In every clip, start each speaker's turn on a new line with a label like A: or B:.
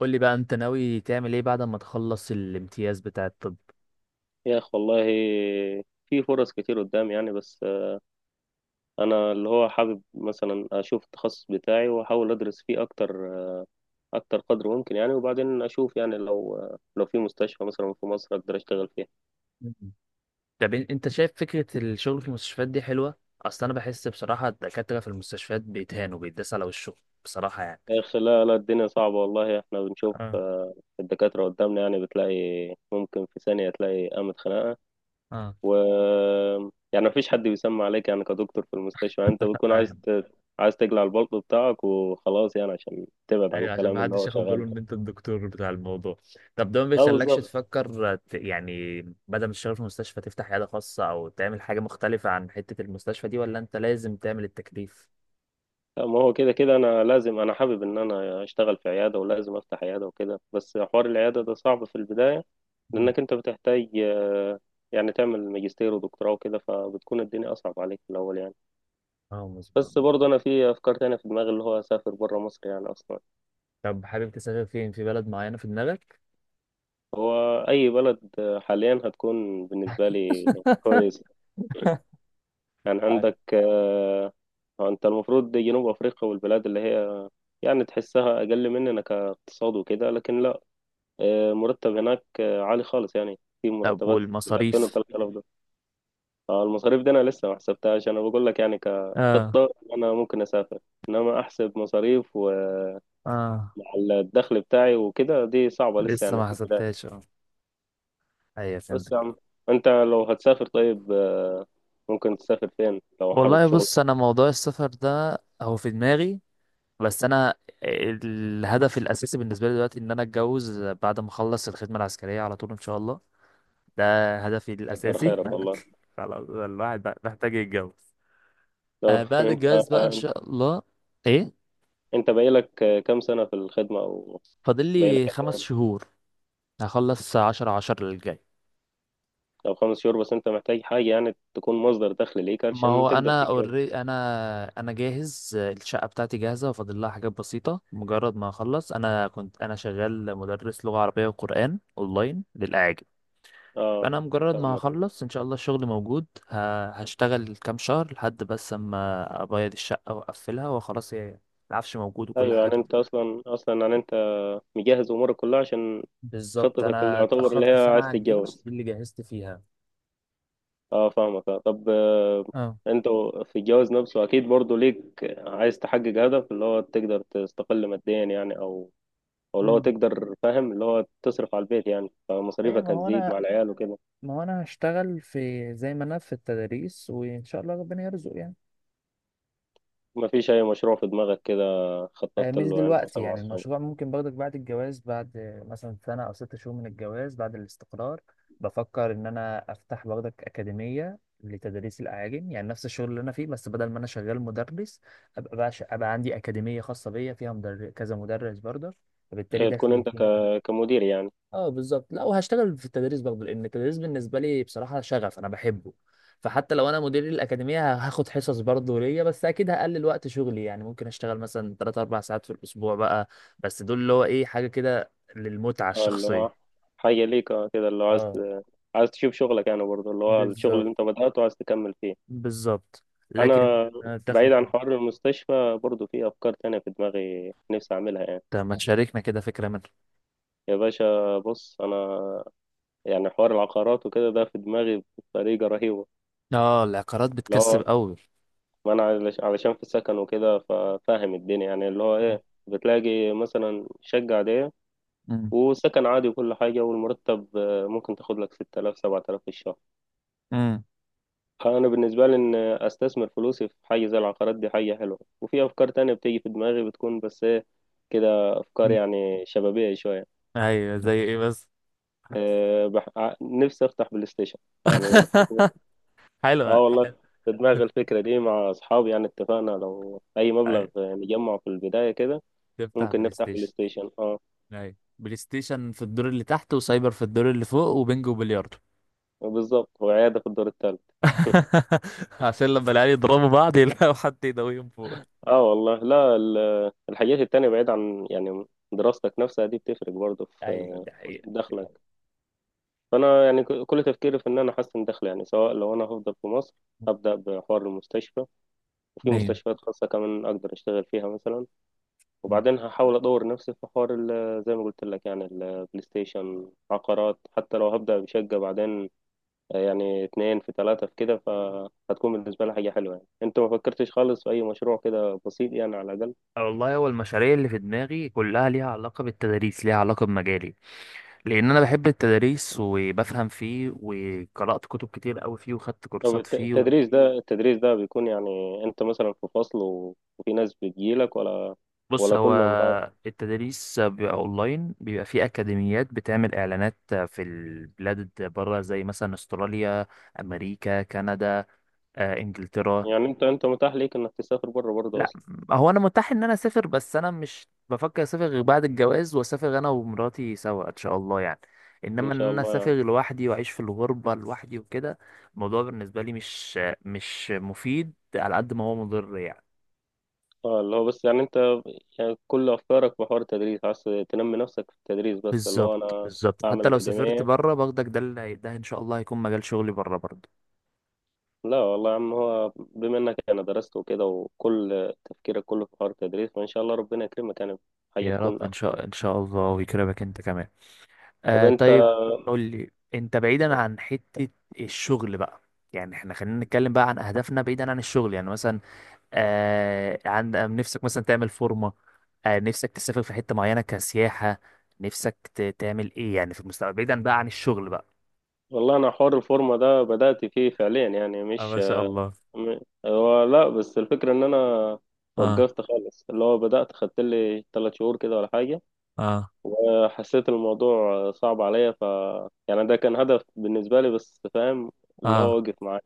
A: قول لي بقى انت ناوي تعمل ايه بعد ما تخلص الامتياز بتاع الطب؟
B: يا أخ والله، في فرص كتير قدام يعني. بس أنا اللي هو حابب مثلا أشوف التخصص بتاعي وأحاول أدرس فيه أكتر، أكتر قدر ممكن يعني. وبعدين أشوف يعني لو في مستشفى مثلا في مصر أقدر أشتغل فيها.
A: مم. طب انت شايف فكرة الشغل في المستشفيات دي حلوة؟ اصل انا بحس بصراحة الدكاترة في المستشفيات بيتهانوا بيتداس على وشهم، بصراحة يعني.
B: يا أخ، لا لا الدنيا صعبة والله. إحنا بنشوف
A: اه.
B: الدكاترة قدامنا يعني، بتلاقي ممكن في ثانية تلاقي قامت خناقة.
A: اه.
B: و يعني مفيش حد بيسمع عليك يعني كدكتور في المستشفى، يعني أنت بتكون
A: ايوه،
B: عايز تقلع البلطو بتاعك وخلاص يعني عشان تبعد عن
A: ايوه عشان
B: الكلام
A: ما
B: اللي
A: حدش
B: هو
A: ياخد باله
B: شغال.
A: ان انت الدكتور بتاع الموضوع. طب ده ما
B: اه
A: بيخلكش
B: بالظبط.
A: تفكر يعني بدل ما تشتغل في مستشفى تفتح عياده خاصه او تعمل حاجه مختلفه عن حته المستشفى دي، ولا انت لازم تعمل التكليف؟
B: لا، ما هو كده كده انا لازم، انا حابب ان انا اشتغل في عياده ولازم افتح عياده وكده. بس حوار العياده ده صعب في البدايه،
A: مم.
B: لانك انت بتحتاج يعني تعمل ماجستير ودكتوراه وكده، فبتكون الدنيا اصعب عليك في الاول يعني.
A: اه، مظبوط.
B: بس برضه انا في افكار تانية في دماغي، اللي هو اسافر بره مصر يعني اصلا.
A: طب حابب تسافر فين؟ في بلد معينه في دماغك؟
B: هو اي بلد حاليا هتكون بالنسبه لي كويس. يعني
A: أيوة.
B: عندك انت المفروض جنوب افريقيا والبلاد اللي هي يعني تحسها اقل مننا كاقتصاد وكده، لكن لا، مرتب هناك عالي خالص، يعني في
A: طب
B: مرتبات بال 2000 و
A: والمصاريف؟
B: 3000 دولار. المصاريف دي انا لسه ما حسبتهاش. انا بقول لك يعني
A: اه.
B: كخطة انا ممكن اسافر، انما احسب مصاريف ومع
A: اه.
B: الدخل بتاعي وكده دي صعبة لسه
A: لسه
B: يعني
A: ما
B: في البداية.
A: حسبتهاش، اه. ايوه،
B: بس
A: فهمتك.
B: يا عم، انت لو هتسافر طيب، ممكن تسافر فين لو حابب
A: والله
B: شغل؟
A: بص، انا موضوع السفر ده هو في دماغي، بس انا الهدف الاساسي بالنسبه لي دلوقتي ان انا اتجوز بعد ما اخلص الخدمه العسكريه على طول ان شاء الله. ده هدفي
B: كتر
A: الاساسي.
B: خيرك والله.
A: خلاص، الواحد بقى محتاج يتجوز.
B: لو
A: آه، بعد الجواز بقى ان
B: انت،
A: شاء الله. ايه؟
B: انت بقالك كام سنة في الخدمة؟ او
A: فاضل لي
B: بقالك،
A: خمس شهور. هخلص عشرة عشرة اللي جاي.
B: او 5 شهور؟ بس انت محتاج حاجة يعني تكون مصدر دخل ليك
A: ما
B: علشان
A: هو
B: تقدر.
A: انا اوري، انا انا جاهز، الشقه بتاعتي جاهزه، وفاضل لها حاجات بسيطه مجرد ما اخلص. انا كنت انا شغال مدرس لغه عربيه وقران اونلاين للاعاجم،
B: اه
A: فانا مجرد ما
B: فاهمك.
A: هخلص ان شاء الله الشغل موجود، هشتغل كام شهر لحد بس اما ابيض الشقه واقفلها وخلاص. هي العفش موجود وكل
B: ايوه،
A: حاجه
B: يعني
A: تمام.
B: انت اصلا يعني انت مجهز امورك كلها عشان
A: بالظبط،
B: خطتك، اللي
A: انا
B: يعتبر اللي
A: اتاخرت
B: هي
A: سنه
B: عايز
A: على الجيش
B: تتجوز.
A: دي اللي جهزت فيها.
B: اه فاهمك آه. طب
A: اه.
B: انت في الجواز نفسه اكيد برضو ليك، عايز تحقق هدف اللي هو تقدر تستقل ماديا يعني، او اللي هو
A: امم.
B: تقدر، فاهم اللي هو تصرف على البيت، يعني
A: ايوه، ما
B: فمصاريفك
A: هو
B: هتزيد مع
A: انا
B: العيال وكده.
A: ما هو انا هشتغل في زي ما انا في التدريس، وان شاء الله ربنا يرزق يعني.
B: ما فيش اي مشروع في دماغك كده خططت
A: مش
B: له يعني
A: دلوقتي
B: مثلا مع
A: يعني،
B: اصحابك؟
A: المشروع ممكن باخدك بعد الجواز، بعد مثلا سنة أو ست شهور من الجواز بعد الاستقرار. بفكر إن أنا أفتح باخدك أكاديمية لتدريس الأعاجم، يعني نفس الشغل اللي أنا فيه، بس بدل ما أنا شغال مدرس أبقى بقى، أبقى عندي أكاديمية خاصة بيا فيها كذا مدرس برضه، فبالتالي
B: هي تكون
A: دخلي
B: انت
A: يكون أحسن.
B: كمدير يعني.
A: اه، بالظبط. لا، وهشتغل في التدريس برضه لان التدريس بالنسبه لي بصراحه شغف، انا بحبه. فحتى لو انا مدير الاكاديميه هاخد حصص برضه ليا، بس اكيد هقلل وقت شغلي، يعني ممكن اشتغل مثلا 3 4 ساعات في الاسبوع بقى. بس دول اللي هو ايه، حاجه كده للمتعه
B: اه اللي هو
A: الشخصيه.
B: حاجة ليك اه كده، اللي هو عايز،
A: اه،
B: عايز تشوف شغلك يعني برضه، اللي هو الشغل
A: بالظبط،
B: اللي انت بدأته عايز تكمل فيه.
A: بالظبط.
B: انا
A: لكن الدخل،
B: بعيد عن
A: اه.
B: حوار المستشفى برضه، في افكار تانية في دماغي نفسي اعملها يعني.
A: طب ما تشاركنا كده فكره منها.
B: يا باشا بص انا، يعني حوار العقارات وكده ده في دماغي بطريقة رهيبة.
A: اه، العقارات
B: اللي
A: بتكسب
B: هو
A: قوي.
B: ما انا علش- علشان في السكن وكده ففاهم الدنيا يعني، اللي هو ايه، بتلاقي مثلا شقة عادية
A: امم.
B: وسكن عادي وكل حاجة، والمرتب ممكن تاخد لك 6000 7000 في الشهر.
A: امم.
B: انا بالنسبه لي ان استثمر فلوسي في حاجه زي العقارات دي حاجه حلوه. وفي افكار تانية بتيجي في دماغي، بتكون بس ايه، كده افكار يعني شبابيه شويه.
A: ايوه، زي ايه بس؟
B: أه نفسي افتح بلاي ستيشن يعني.
A: حلوه.
B: اه والله، في دماغي الفكره دي مع اصحابي يعني، اتفقنا لو اي مبلغ نجمعه في البدايه كده
A: تفتح
B: ممكن
A: بلاي
B: نفتح بلاي
A: ستيشن؟
B: ستيشن اه.
A: ايوه، بلاي ستيشن في الدور اللي تحت، وسايبر في الدور اللي فوق، وبنجو وبلياردو.
B: بالظبط، وعياده في الدور الثالث.
A: عشان لما العيال يضربوا بعض يلاقوا حد يداويهم فوق.
B: اه والله، لا الحاجات التانية بعيد عن يعني دراستك نفسها دي بتفرق برضه
A: ايوه
B: في
A: دي حقيقة، دي
B: دخلك.
A: حقيقة.
B: فانا يعني كل تفكيري في ان انا احسن دخل، يعني سواء لو انا هفضل في مصر هبدا بحوار المستشفى، وفي
A: ايوه،
B: مستشفيات خاصه كمان اقدر اشتغل فيها مثلا. وبعدين هحاول ادور نفسي في حوار زي ما قلت لك يعني البلاي ستيشن، عقارات، حتى لو هبدا بشقه بعدين يعني اتنين في ثلاثه في كده، فهتكون بالنسبه لي حاجه حلوه يعني. انت ما فكرتش خالص في اي مشروع كده بسيط يعني على الاقل؟
A: والله هو المشاريع اللي في دماغي كلها ليها علاقة بالتدريس، ليها علاقة بمجالي، لأن أنا بحب التدريس وبفهم فيه وقرأت كتب كتير أوي فيه وخدت
B: طب
A: كورسات فيه.
B: التدريس ده، التدريس ده بيكون يعني انت مثلا في فصل وفي ناس بتجيلك، ولا
A: بص،
B: ولا
A: هو
B: كله اونلاين؟
A: التدريس بيبقى اونلاين، بيبقى في اكاديميات بتعمل اعلانات في البلاد بره، زي مثلا استراليا، امريكا، كندا، انجلترا.
B: يعني انت متاح ليك انك تسافر بره برضه
A: لا،
B: اصلا؟
A: هو انا متاح ان انا اسافر، بس انا مش بفكر اسافر غير بعد الجواز، واسافر انا ومراتي سوا ان شاء الله يعني.
B: ان
A: انما
B: شاء
A: ان انا
B: الله
A: اسافر
B: يعني.
A: لوحدي واعيش في الغربه لوحدي وكده، الموضوع بالنسبه لي مش مفيد على قد ما هو مضر يعني.
B: اه اللي هو بس يعني انت، يعني كل افكارك في حوار التدريس، عايز تنمي نفسك في التدريس، بس اللي هو
A: بالظبط،
B: انا
A: بالظبط،
B: اعمل
A: حتى لو سافرت
B: اكاديميه.
A: بره باخدك ده اللي ده ان شاء الله هيكون مجال شغلي بره برضه.
B: لا والله يا عم، هو بما انك انا درست وكده وكل تفكيرك كله في حوار التدريس، فان شاء الله ربنا يكرمك يعني، حاجه
A: يا
B: تكون
A: رب، ان
B: احسن.
A: شاء ان شاء الله، ويكرمك انت كمان.
B: طب
A: آه،
B: انت.
A: طيب. قول لي انت، بعيدا عن حتة الشغل بقى، يعني احنا خلينا نتكلم بقى عن اهدافنا بعيدا عن الشغل. يعني مثلا، آه عند آه، نفسك مثلا تعمل فورمة؟ نفسك تسافر في حتة معينة كسياحة؟ نفسك تعمل ايه يعني في المستقبل، بعيدا بقى عن الشغل بقى؟
B: والله انا حوار الفورمه ده بدات فيه فعليا يعني
A: اه،
B: مش
A: ما شاء الله.
B: م- هو لا، بس الفكره ان انا
A: اه.
B: وقفت خالص، اللي هو بدات خدت لي 3 شهور كده ولا حاجه،
A: اه.
B: وحسيت الموضوع صعب عليا. ف يعني ده كان هدف بالنسبة لي، بس فاهم اللي هو
A: اه.
B: وقف معايا.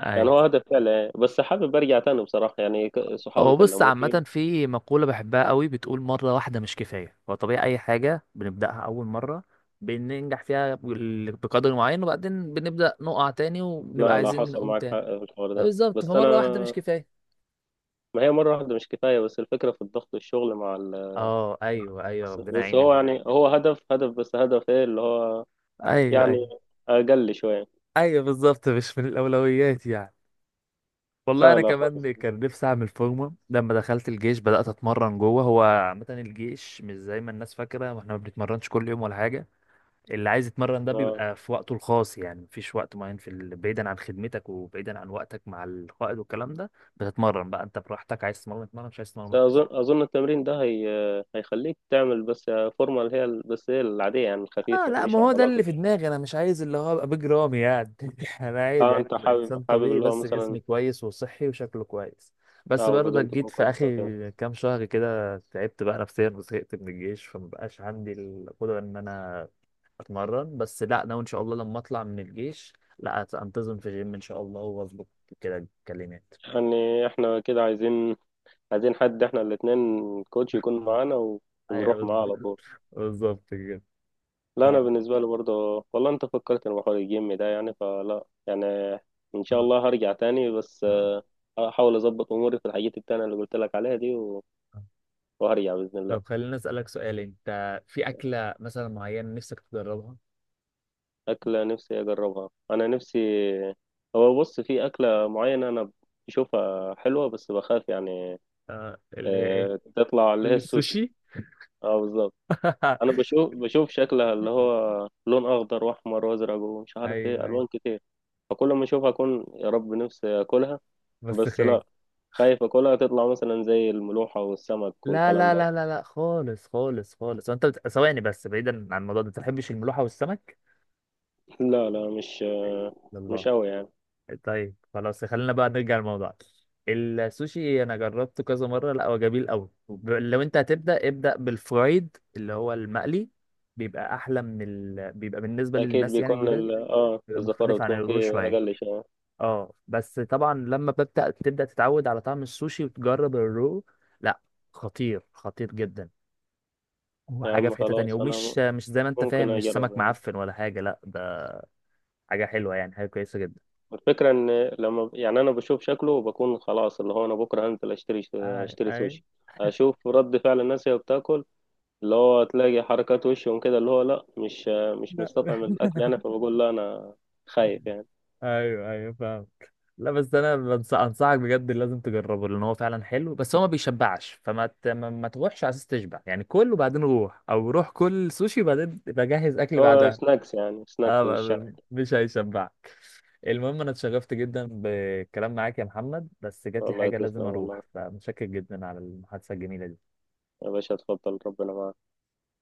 A: اي.
B: يعني هو هدف فعلا، بس حابب ارجع تاني بصراحة. يعني صحابي
A: هو بص،
B: كلموني.
A: عامة في مقولة بحبها قوي بتقول مرة واحدة مش كفاية. هو طبيعي أي حاجة بنبدأها أول مرة بننجح فيها بقدر معين، وبعدين بنبدأ نقع تاني وبنبقى
B: لا لا،
A: عايزين
B: حصل
A: نقوم
B: معاك
A: تاني.
B: حق في الحوار ده،
A: بالظبط،
B: بس انا،
A: فمرة واحدة مش كفاية.
B: ما هي مرة واحدة مش كفاية. بس الفكرة في الضغط، الشغل مع ال...
A: اه، ايوه، ايوه، ربنا
B: بس
A: يعينك
B: هو
A: بجد.
B: يعني هو هدف، هدف، بس هدف ايه اللي هو
A: ايوه،
B: يعني
A: ايوه،
B: اقل شوية.
A: ايوه، بالظبط، مش من الاولويات يعني. والله
B: لا
A: انا
B: لا خالص
A: كمان كان نفسي اعمل فورمه لما دخلت الجيش، بدات اتمرن جوه. هو عامه الجيش مش زي ما الناس فاكره، واحنا ما بنتمرنش كل يوم ولا حاجه. اللي عايز يتمرن ده
B: آه.
A: بيبقى في وقته الخاص، يعني مفيش وقت معين بعيدا عن خدمتك وبعيدا عن وقتك مع القائد والكلام ده. بتتمرن بقى انت براحتك، عايز تتمرن تتمرن، مش عايز تتمرن.
B: أظن التمرين ده هي... هيخليك تعمل بس فورمة، اللي هي بس هي العادية، يعني
A: اه،
B: الخفيفة،
A: لا، ما
B: مش
A: هو ده
B: عضلات
A: اللي في
B: وكده.
A: دماغي، انا مش عايز اللي هو ابقى بيج رامي يعني. انا عايز
B: اه،
A: يعني
B: انت
A: أبقى
B: حابب
A: انسان
B: حابب
A: طبيعي
B: اللي هو
A: بس
B: مثلا
A: جسمي كويس وصحي وشكله كويس. بس
B: اه،
A: برضك
B: والهدوم
A: جيت
B: تكون
A: في
B: كويسة وكده.
A: اخر كام شهر كده، تعبت بقى نفسيا وزهقت من الجيش، فمبقاش عندي القدرة ان انا اتمرن. بس لا، انا ان شاء الله لما اطلع من الجيش لا انتظم في جيم ان شاء الله، واظبط كده الكلمات.
B: يعني احنا كده عايزين، عايزين حد، احنا الاتنين كوتش يكون معانا
A: ايوه،
B: ونروح معاه على طول.
A: بالظبط. بالظبط كده.
B: لا انا
A: اه.
B: بالنسبة لي برضه والله انت فكرت في حوار الجيم ده، يعني فلا يعني، ان
A: آه،
B: شاء
A: إن
B: الله هرجع تاني بس
A: شاء الله.
B: هحاول اظبط اموري في الحاجات التانية اللي قلت لك عليها دي وهرجع بإذن الله.
A: طب خليني اسالك سؤال، انت في اكله مثلا معينه نفسك تجربها؟
B: أكلة نفسي أجربها، أنا نفسي. هو بص، في أكلة معينة أنا بشوفها حلوة بس بخاف يعني
A: آه، اللي هي ايه؟
B: تطلع، اللي
A: قول
B: هي
A: لي.
B: السوشي.
A: السوشي؟
B: اه بالظبط. أنا بشوف شكلها اللي هو لون أخضر وأحمر وأزرق ومش عارف إيه
A: ايوه، ايوه.
B: ألوان كتير، فكل ما أشوفها أكون يا رب نفسي أكلها.
A: بس
B: بس
A: خير.
B: لا، خايف أكلها تطلع مثلا زي الملوحة والسمك
A: لا،
B: والكلام
A: لا،
B: ده.
A: لا، لا، لا، خالص، خالص، خالص. وانت ثواني بس، بعيدا عن الموضوع ده، انت ما بتحبش الملوحه والسمك؟
B: لا لا، مش
A: لا؟
B: مش أوي يعني.
A: طيب، خلاص، خلينا بقى نرجع للموضوع. السوشي انا جربته كذا مره، لا، هو جميل قوي. لو انت هتبدا، ابدا بالفرايد اللي هو المقلي، بيبقى احلى بيبقى بالنسبه
B: أكيد
A: للناس يعني
B: بيكون
A: الجداد،
B: ال آه
A: بيبقى
B: الزفارة
A: مختلف عن
B: بتكون
A: الرو
B: فيه
A: شويه.
B: أقل شوية.
A: اه، بس طبعا لما ببدا تبدا تتعود على طعم السوشي وتجرب الرو، لا، خطير، خطير جدا. هو
B: يا
A: حاجه
B: عم
A: في حته تانية،
B: خلاص، أنا
A: ومش مش زي ما انت فاهم،
B: ممكن
A: مش
B: اجرب
A: سمك
B: يعني.
A: معفن ولا حاجه، لا، ده حاجه حلوه يعني، حاجه كويسه جدا.
B: الفكره ان لما، يعني انا بشوف شكله وبكون خلاص اللي هو انا بكره هنزل اشتري،
A: اي،
B: اشتري
A: اي.
B: سوشي، اشوف رد فعل الناس وهي بتاكل، اللي هو تلاقي حركات وشهم كده اللي هو لا، مش
A: لا.
B: مستطعم الاكل يعني فبقول لا، انا خايف يعني.
A: ايوه، ايوه، فاهم. لا، بس انا انصحك بجد، لازم تجربه، لان هو فعلا حلو، بس هو ما بيشبعش، ما تروحش على اساس تشبع يعني. كل وبعدين روح، او روح كل سوشي وبعدين تبقى جهز اكل
B: هو
A: بعدها.
B: سناكس يعني، سناكس
A: اه،
B: في الشارع.
A: مش هيشبعك. المهم انا اتشرفت جدا بالكلام معاك يا محمد، بس جات لي
B: والله
A: حاجه لازم
B: تسلم والله،
A: اروح، فمتشكر جدا على المحادثه الجميله دي.
B: يا باشا اتفضل، ربنا معاك.